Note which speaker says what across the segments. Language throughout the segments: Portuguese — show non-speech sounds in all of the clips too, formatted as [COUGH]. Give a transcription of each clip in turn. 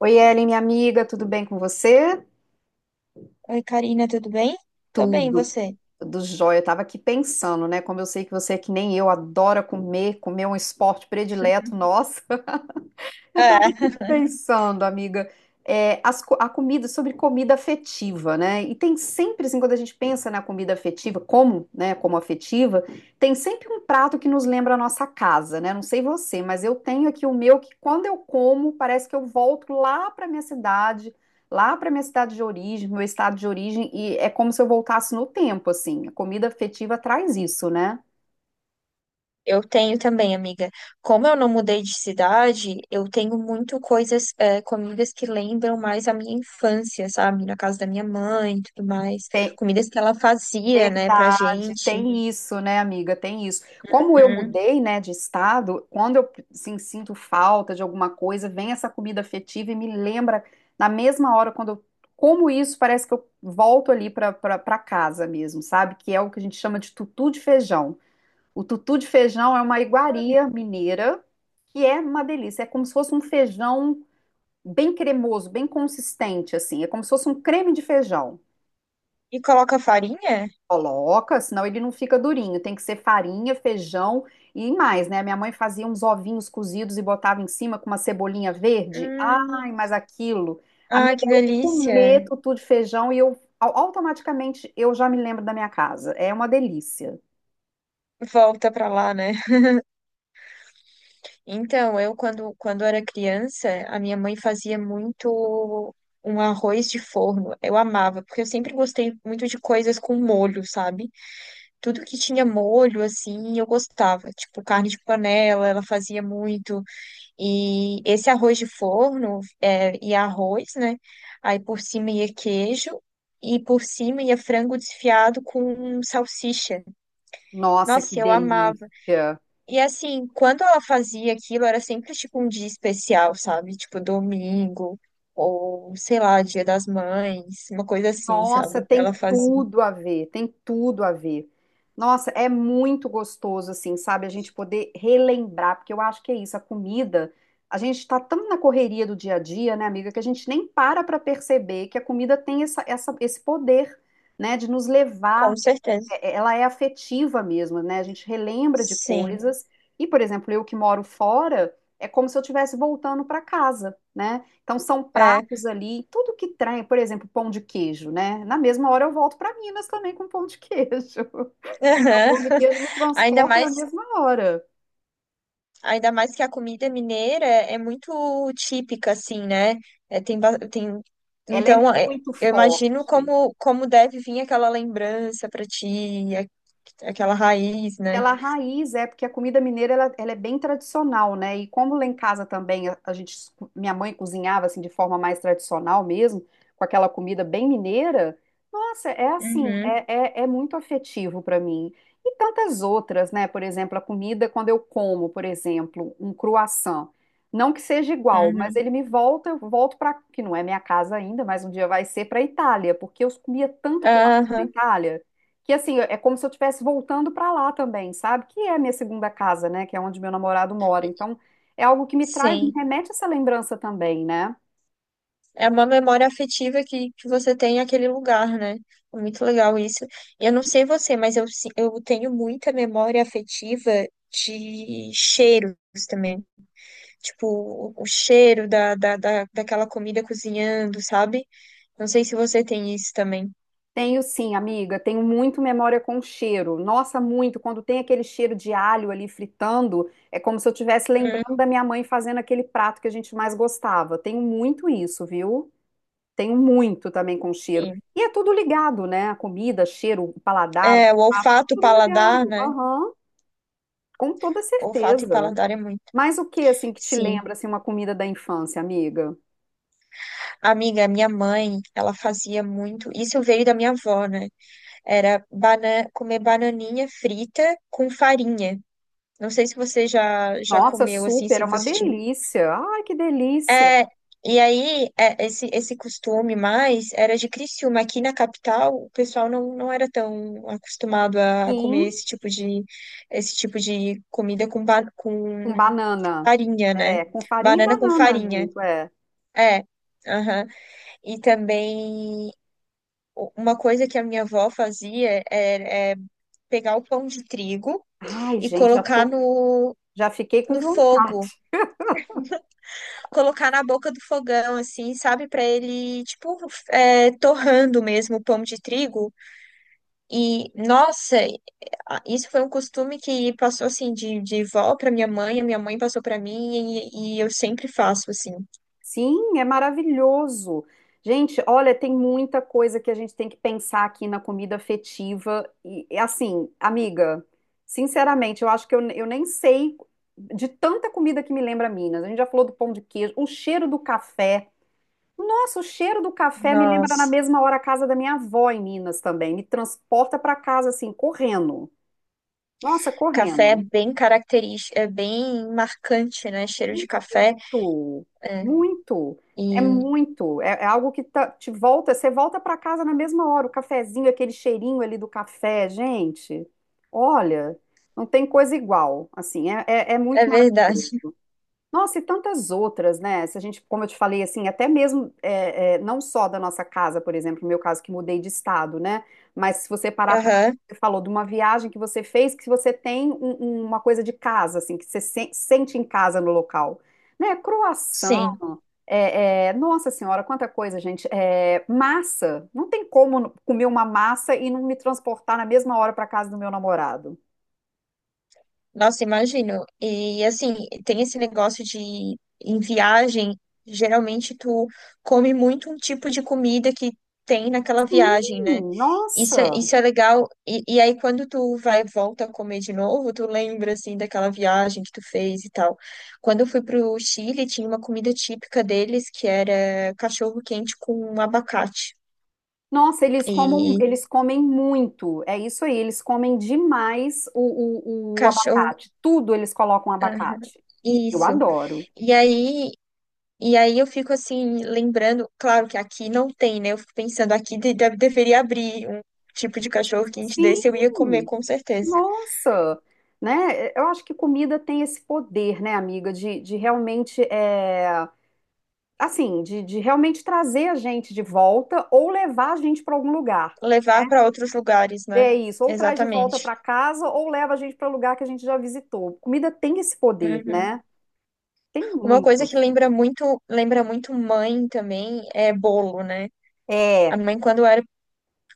Speaker 1: Oi, Ellen, minha amiga, tudo bem com você?
Speaker 2: Oi, Karina, tudo bem? Tô bem, e
Speaker 1: Tudo,
Speaker 2: você?
Speaker 1: tudo jóia. Eu tava aqui pensando, né? Como eu sei que você é que nem eu, adora comer, comer é um esporte predileto nosso. Eu
Speaker 2: É,
Speaker 1: estava
Speaker 2: [LAUGHS]
Speaker 1: pensando, amiga, a comida, sobre comida afetiva, né? E tem sempre, assim, quando a gente pensa na comida afetiva, como, né, como afetiva, tem sempre um prato que nos lembra a nossa casa, né? Não sei você, mas eu tenho aqui o meu que quando eu como, parece que eu volto lá para minha cidade, lá para minha cidade de origem, meu estado de origem, e é como se eu voltasse no tempo, assim. A comida afetiva traz isso, né?
Speaker 2: eu tenho também, amiga. Como eu não mudei de cidade, eu tenho muito coisas, comidas que lembram mais a minha infância, sabe? Na casa da minha mãe e tudo mais. Comidas que ela fazia, né, pra
Speaker 1: Verdade,
Speaker 2: gente.
Speaker 1: tem isso, né, amiga? Tem isso. Como eu
Speaker 2: Uhum.
Speaker 1: mudei, né, de estado, quando eu assim, sinto falta de alguma coisa, vem essa comida afetiva e me lembra na mesma hora quando eu como isso, parece que eu volto ali para casa mesmo, sabe? Que é o que a gente chama de tutu de feijão. O tutu de feijão é uma iguaria mineira que é uma delícia. É como se fosse um feijão bem cremoso, bem consistente, assim. É como se fosse um creme de feijão.
Speaker 2: E coloca farinha?
Speaker 1: Coloca, senão ele não fica durinho. Tem que ser farinha, feijão e mais, né? Minha mãe fazia uns ovinhos cozidos e botava em cima com uma cebolinha verde.
Speaker 2: Hum,
Speaker 1: Ai, mas aquilo. Amiga,
Speaker 2: ai, que
Speaker 1: eu
Speaker 2: delícia.
Speaker 1: comer tutu de feijão e eu automaticamente eu já me lembro da minha casa. É uma delícia.
Speaker 2: Volta pra lá, né? Então, eu quando era criança, a minha mãe fazia muito um arroz de forno. Eu amava, porque eu sempre gostei muito de coisas com molho, sabe? Tudo que tinha molho, assim, eu gostava. Tipo, carne de panela, ela fazia muito. E esse arroz de forno, é, ia arroz, né? Aí por cima ia queijo. E por cima ia frango desfiado com salsicha.
Speaker 1: Nossa, que
Speaker 2: Nossa, eu amava.
Speaker 1: delícia.
Speaker 2: E assim, quando ela fazia aquilo, era sempre tipo um dia especial, sabe? Tipo domingo, ou sei lá, Dia das Mães, uma coisa assim,
Speaker 1: Nossa,
Speaker 2: sabe?
Speaker 1: tem
Speaker 2: Ela fazia.
Speaker 1: tudo a ver, tem tudo a ver. Nossa, é muito gostoso, assim, sabe? A gente poder relembrar, porque eu acho que é isso, a comida. A gente tá tão na correria do dia a dia, né, amiga, que a gente nem para para perceber que a comida tem essa, esse poder, né, de nos levar
Speaker 2: Com certeza.
Speaker 1: ela é afetiva mesmo, né? A gente relembra de
Speaker 2: Sim.
Speaker 1: coisas. E, por exemplo, eu que moro fora, é como se eu estivesse voltando para casa, né? Então são
Speaker 2: É.
Speaker 1: pratos ali, tudo que traz, por exemplo, pão de queijo, né? Na mesma hora eu volto para Minas também com pão de queijo. [LAUGHS] O
Speaker 2: Aham.
Speaker 1: pão de queijo
Speaker 2: [LAUGHS]
Speaker 1: me
Speaker 2: Ainda
Speaker 1: transporta na
Speaker 2: mais,
Speaker 1: mesma hora.
Speaker 2: ainda mais que a comida mineira é muito típica, assim, né? É, tem, tem...
Speaker 1: Ela é
Speaker 2: Então, é,
Speaker 1: muito
Speaker 2: eu imagino
Speaker 1: forte.
Speaker 2: como deve vir aquela lembrança pra ti, aquela raiz, né?
Speaker 1: Aquela raiz, é, porque a comida mineira ela, ela é bem tradicional, né? E como lá em casa também a gente, minha mãe cozinhava assim de forma mais tradicional mesmo, com aquela comida bem mineira, nossa, é assim,
Speaker 2: Uhum,
Speaker 1: é muito afetivo para mim. E tantas outras, né? Por exemplo, a comida, quando eu como, por exemplo, um croissant, não que seja igual, mas
Speaker 2: uhum.
Speaker 1: ele me volta, eu volto para, que não é minha casa ainda, mas um dia vai ser para a Itália, porque eu comia tanto croissant na
Speaker 2: Aham.
Speaker 1: Itália que assim, é como se eu estivesse voltando para lá também, sabe? Que é a minha segunda casa, né? Que é onde meu namorado mora. Então, é algo que me traz, me
Speaker 2: Sim,
Speaker 1: remete a essa lembrança também, né?
Speaker 2: é uma memória afetiva que você tem naquele lugar, né? É muito legal isso. Eu não sei você, mas eu, eu tenho muita memória afetiva de cheiros também. Tipo, o cheiro daquela comida cozinhando, sabe? Não sei se você tem isso também.
Speaker 1: Tenho sim, amiga, tenho muito memória com cheiro. Nossa, muito. Quando tem aquele cheiro de alho ali fritando, é como se eu estivesse
Speaker 2: Hum,
Speaker 1: lembrando da minha mãe fazendo aquele prato que a gente mais gostava. Tenho muito isso, viu? Tenho muito também com cheiro.
Speaker 2: Sim.
Speaker 1: E é tudo ligado, né? A comida, cheiro, o paladar, o
Speaker 2: É, o
Speaker 1: prato, tá
Speaker 2: olfato, o
Speaker 1: tudo
Speaker 2: paladar,
Speaker 1: ligado.
Speaker 2: né?
Speaker 1: Aham, com toda
Speaker 2: Olfato e
Speaker 1: certeza.
Speaker 2: paladar é muito.
Speaker 1: Mas o que assim que te
Speaker 2: Sim.
Speaker 1: lembra assim uma comida da infância, amiga?
Speaker 2: Amiga, minha mãe, ela fazia muito. Isso veio da minha avó, né? Era bana comer bananinha frita com farinha. Não sei se você já
Speaker 1: Nossa,
Speaker 2: comeu assim,
Speaker 1: super,
Speaker 2: se
Speaker 1: é uma
Speaker 2: você tinha.
Speaker 1: delícia. Ai, que delícia.
Speaker 2: É, esse, esse costume mais era de Criciúma. Aqui na capital, o pessoal não era tão acostumado a comer
Speaker 1: Sim,
Speaker 2: esse tipo de comida com,
Speaker 1: com
Speaker 2: com
Speaker 1: banana.
Speaker 2: farinha, né?
Speaker 1: É, com farinha e
Speaker 2: Banana com
Speaker 1: banana
Speaker 2: farinha.
Speaker 1: junto, é.
Speaker 2: É. Aham. E também, uma coisa que a minha avó fazia era pegar o pão de trigo.
Speaker 1: Ai,
Speaker 2: E
Speaker 1: gente, já
Speaker 2: colocar
Speaker 1: tô, já fiquei com
Speaker 2: no
Speaker 1: vontade.
Speaker 2: fogo, colocar na boca do fogão, assim, sabe? Pra ele, tipo, é, torrando mesmo o pão de trigo. E, nossa, isso foi um costume que passou, assim, de vó pra minha mãe, a minha mãe passou pra mim e eu sempre faço, assim.
Speaker 1: Sim, é maravilhoso. Gente, olha, tem muita coisa que a gente tem que pensar aqui na comida afetiva. Assim, amiga, sinceramente, eu acho que eu nem sei de tanta comida que me lembra Minas. A gente já falou do pão de queijo, o cheiro do café. Nossa, o cheiro do café me lembra na
Speaker 2: Nossa.
Speaker 1: mesma hora a casa da minha avó em Minas também. Me transporta para casa assim, correndo. Nossa,
Speaker 2: Café é
Speaker 1: correndo.
Speaker 2: bem característico, é bem marcante, né? Cheiro de café.
Speaker 1: Muito,
Speaker 2: É,
Speaker 1: muito. É
Speaker 2: e
Speaker 1: muito. É, é algo que te volta, você volta para casa na mesma hora. O cafezinho, aquele cheirinho ali do café, gente. Olha, não tem coisa igual. Assim, é
Speaker 2: é
Speaker 1: muito maravilhoso.
Speaker 2: verdade.
Speaker 1: Nossa, e tantas outras, né? Se a gente, como eu te falei, assim, até mesmo não só da nossa casa, por exemplo, no meu caso que mudei de estado, né? Mas se você
Speaker 2: [LAUGHS]
Speaker 1: parar para
Speaker 2: Aham,
Speaker 1: você falou de uma viagem que você fez, que você tem uma coisa de casa, assim, que você sente em casa no local, né? Croação,
Speaker 2: sim.
Speaker 1: nossa senhora, quanta coisa, gente. É, massa, não tem como comer uma massa e não me transportar na mesma hora para casa do meu namorado.
Speaker 2: Nossa, imagino. E assim, tem esse negócio de em viagem, geralmente tu come muito um tipo de comida que tem naquela viagem, né?
Speaker 1: Sim, nossa.
Speaker 2: Isso é legal. E aí quando tu vai volta a comer de novo, tu lembra assim daquela viagem que tu fez e tal. Quando eu fui pro Chile, tinha uma comida típica deles que era cachorro quente com abacate.
Speaker 1: Nossa,
Speaker 2: E
Speaker 1: eles comem muito. É isso aí, eles comem demais o
Speaker 2: cachorro,
Speaker 1: abacate. Tudo eles colocam
Speaker 2: ah,
Speaker 1: abacate. Eu
Speaker 2: isso.
Speaker 1: adoro.
Speaker 2: E aí E aí eu fico assim, lembrando, claro que aqui não tem, né? Eu fico pensando, aqui deveria abrir um tipo de cachorro quente
Speaker 1: Sim,
Speaker 2: desse, eu ia comer com certeza.
Speaker 1: nossa, né? Eu acho que comida tem esse poder, né, amiga, de realmente, é, assim, de realmente trazer a gente de volta ou levar a gente para algum lugar.
Speaker 2: Levar para outros lugares, né?
Speaker 1: É isso, ou traz de volta para
Speaker 2: Exatamente.
Speaker 1: casa ou leva a gente para o lugar que a gente já visitou. Comida tem esse poder,
Speaker 2: Uhum.
Speaker 1: né? Tem
Speaker 2: Uma
Speaker 1: muito,
Speaker 2: coisa que
Speaker 1: assim.
Speaker 2: lembra muito mãe também é bolo, né? A
Speaker 1: É.
Speaker 2: mãe,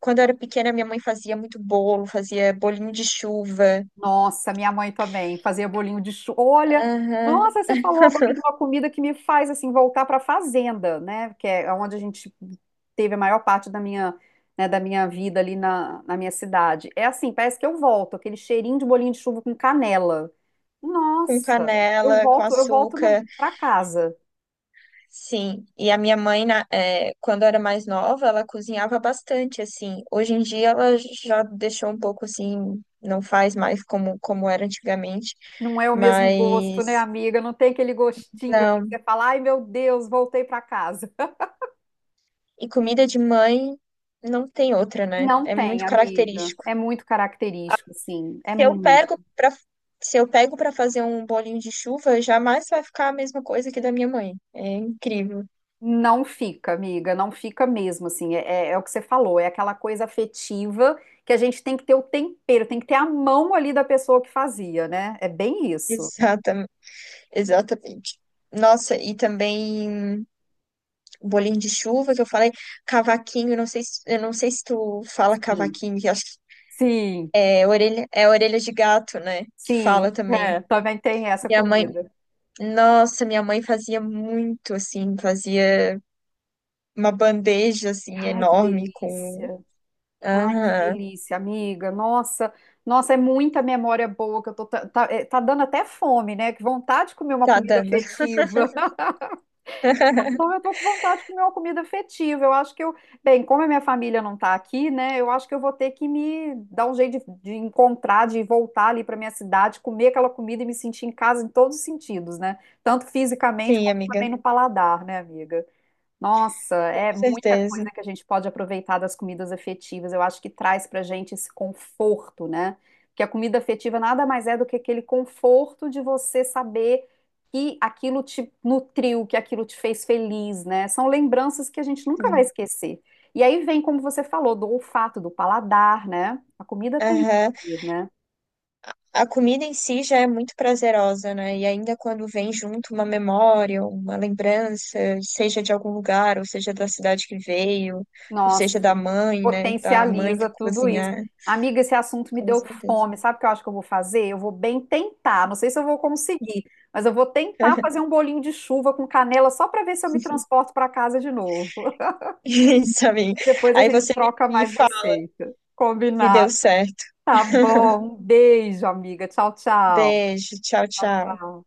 Speaker 2: quando eu era pequena, minha mãe fazia muito bolo, fazia bolinho de chuva,
Speaker 1: Nossa, minha mãe também fazia bolinho de chuva. Olha,
Speaker 2: aham,
Speaker 1: nossa, você falou agora de
Speaker 2: [LAUGHS]
Speaker 1: uma comida que me faz assim voltar para a fazenda, né? Que é onde a gente teve a maior parte da minha, né, da minha vida ali na minha cidade. É assim, parece que eu volto, aquele cheirinho de bolinho de chuva com canela.
Speaker 2: com
Speaker 1: Nossa,
Speaker 2: canela, com
Speaker 1: eu volto
Speaker 2: açúcar.
Speaker 1: para casa.
Speaker 2: Sim, e a minha mãe, quando era mais nova, ela cozinhava bastante, assim. Hoje em dia ela já deixou um pouco assim, não faz mais como era antigamente,
Speaker 1: Não é o mesmo gosto, né,
Speaker 2: mas
Speaker 1: amiga? Não tem aquele gostinho ali que
Speaker 2: não.
Speaker 1: você fala, ai meu Deus, voltei para casa.
Speaker 2: E comida de mãe não tem outra, né?
Speaker 1: Não
Speaker 2: É
Speaker 1: tem,
Speaker 2: muito
Speaker 1: amiga.
Speaker 2: característico.
Speaker 1: É muito característico, assim. É
Speaker 2: Se eu
Speaker 1: muito.
Speaker 2: pego para se eu pego para fazer um bolinho de chuva, jamais vai ficar a mesma coisa que da minha mãe. É incrível. [LAUGHS]
Speaker 1: Não fica, amiga, não fica mesmo, assim, é, é o que você falou, é aquela coisa afetiva que a gente tem que ter o tempero, tem que ter a mão ali da pessoa que fazia, né? É bem isso.
Speaker 2: Exatamente. Exatamente. Nossa, e também o bolinho de chuva que eu falei, cavaquinho, eu não sei se, eu não sei se tu fala
Speaker 1: Sim.
Speaker 2: cavaquinho, que eu acho que
Speaker 1: Sim,
Speaker 2: é orelha de gato, né? Que fala
Speaker 1: sim,
Speaker 2: também.
Speaker 1: é, também tem essa
Speaker 2: Minha mãe,
Speaker 1: comida.
Speaker 2: nossa, minha mãe fazia muito assim, fazia uma bandeja assim
Speaker 1: Ai,
Speaker 2: enorme com.
Speaker 1: que
Speaker 2: Aham,
Speaker 1: delícia, amiga, nossa, nossa, é muita memória boa que eu tô, tá é, tá dando até fome, né? Que vontade de comer uma
Speaker 2: tá
Speaker 1: comida
Speaker 2: dando.
Speaker 1: afetiva. [LAUGHS]
Speaker 2: [LAUGHS]
Speaker 1: Não, eu tô com vontade de comer uma comida afetiva. Eu acho que eu, bem, como a minha família não tá aqui, né? Eu acho que eu vou ter que me dar um jeito de encontrar, de voltar ali pra minha cidade, comer aquela comida e me sentir em casa em todos os sentidos, né? Tanto fisicamente
Speaker 2: Sim,
Speaker 1: como também
Speaker 2: amiga,
Speaker 1: no paladar, né, amiga? Nossa, é
Speaker 2: com
Speaker 1: muita
Speaker 2: certeza.
Speaker 1: coisa que a gente pode aproveitar das comidas afetivas. Eu acho que traz pra gente esse conforto, né? Porque a comida afetiva nada mais é do que aquele conforto de você saber que aquilo te nutriu, que aquilo te fez feliz, né? São lembranças que a gente nunca vai
Speaker 2: Sim.
Speaker 1: esquecer. E aí vem, como você falou, do olfato, do paladar, né? A comida tem,
Speaker 2: Aham.
Speaker 1: isso, né?
Speaker 2: A comida em si já é muito prazerosa, né? E ainda quando vem junto uma memória, uma lembrança, seja de algum lugar, ou seja da cidade que veio, ou seja da
Speaker 1: Nossa,
Speaker 2: mãe, né? Da mãe que
Speaker 1: potencializa tudo isso.
Speaker 2: cozinhar,
Speaker 1: Amiga, esse assunto me
Speaker 2: com
Speaker 1: deu
Speaker 2: certeza.
Speaker 1: fome. Sabe o que eu acho que eu vou fazer? Eu vou bem tentar. Não sei se eu vou conseguir, mas eu vou tentar fazer um bolinho de chuva com canela só para ver se eu me
Speaker 2: [LAUGHS]
Speaker 1: transporto para casa de novo.
Speaker 2: Isso, amiga.
Speaker 1: Depois a
Speaker 2: Aí
Speaker 1: gente
Speaker 2: você
Speaker 1: troca
Speaker 2: me
Speaker 1: mais
Speaker 2: fala
Speaker 1: receita.
Speaker 2: se deu
Speaker 1: Combinado.
Speaker 2: certo.
Speaker 1: Tá
Speaker 2: [LAUGHS]
Speaker 1: bom. Um beijo, amiga. Tchau, tchau.
Speaker 2: Beijo, tchau,
Speaker 1: Tchau,
Speaker 2: tchau.
Speaker 1: tchau.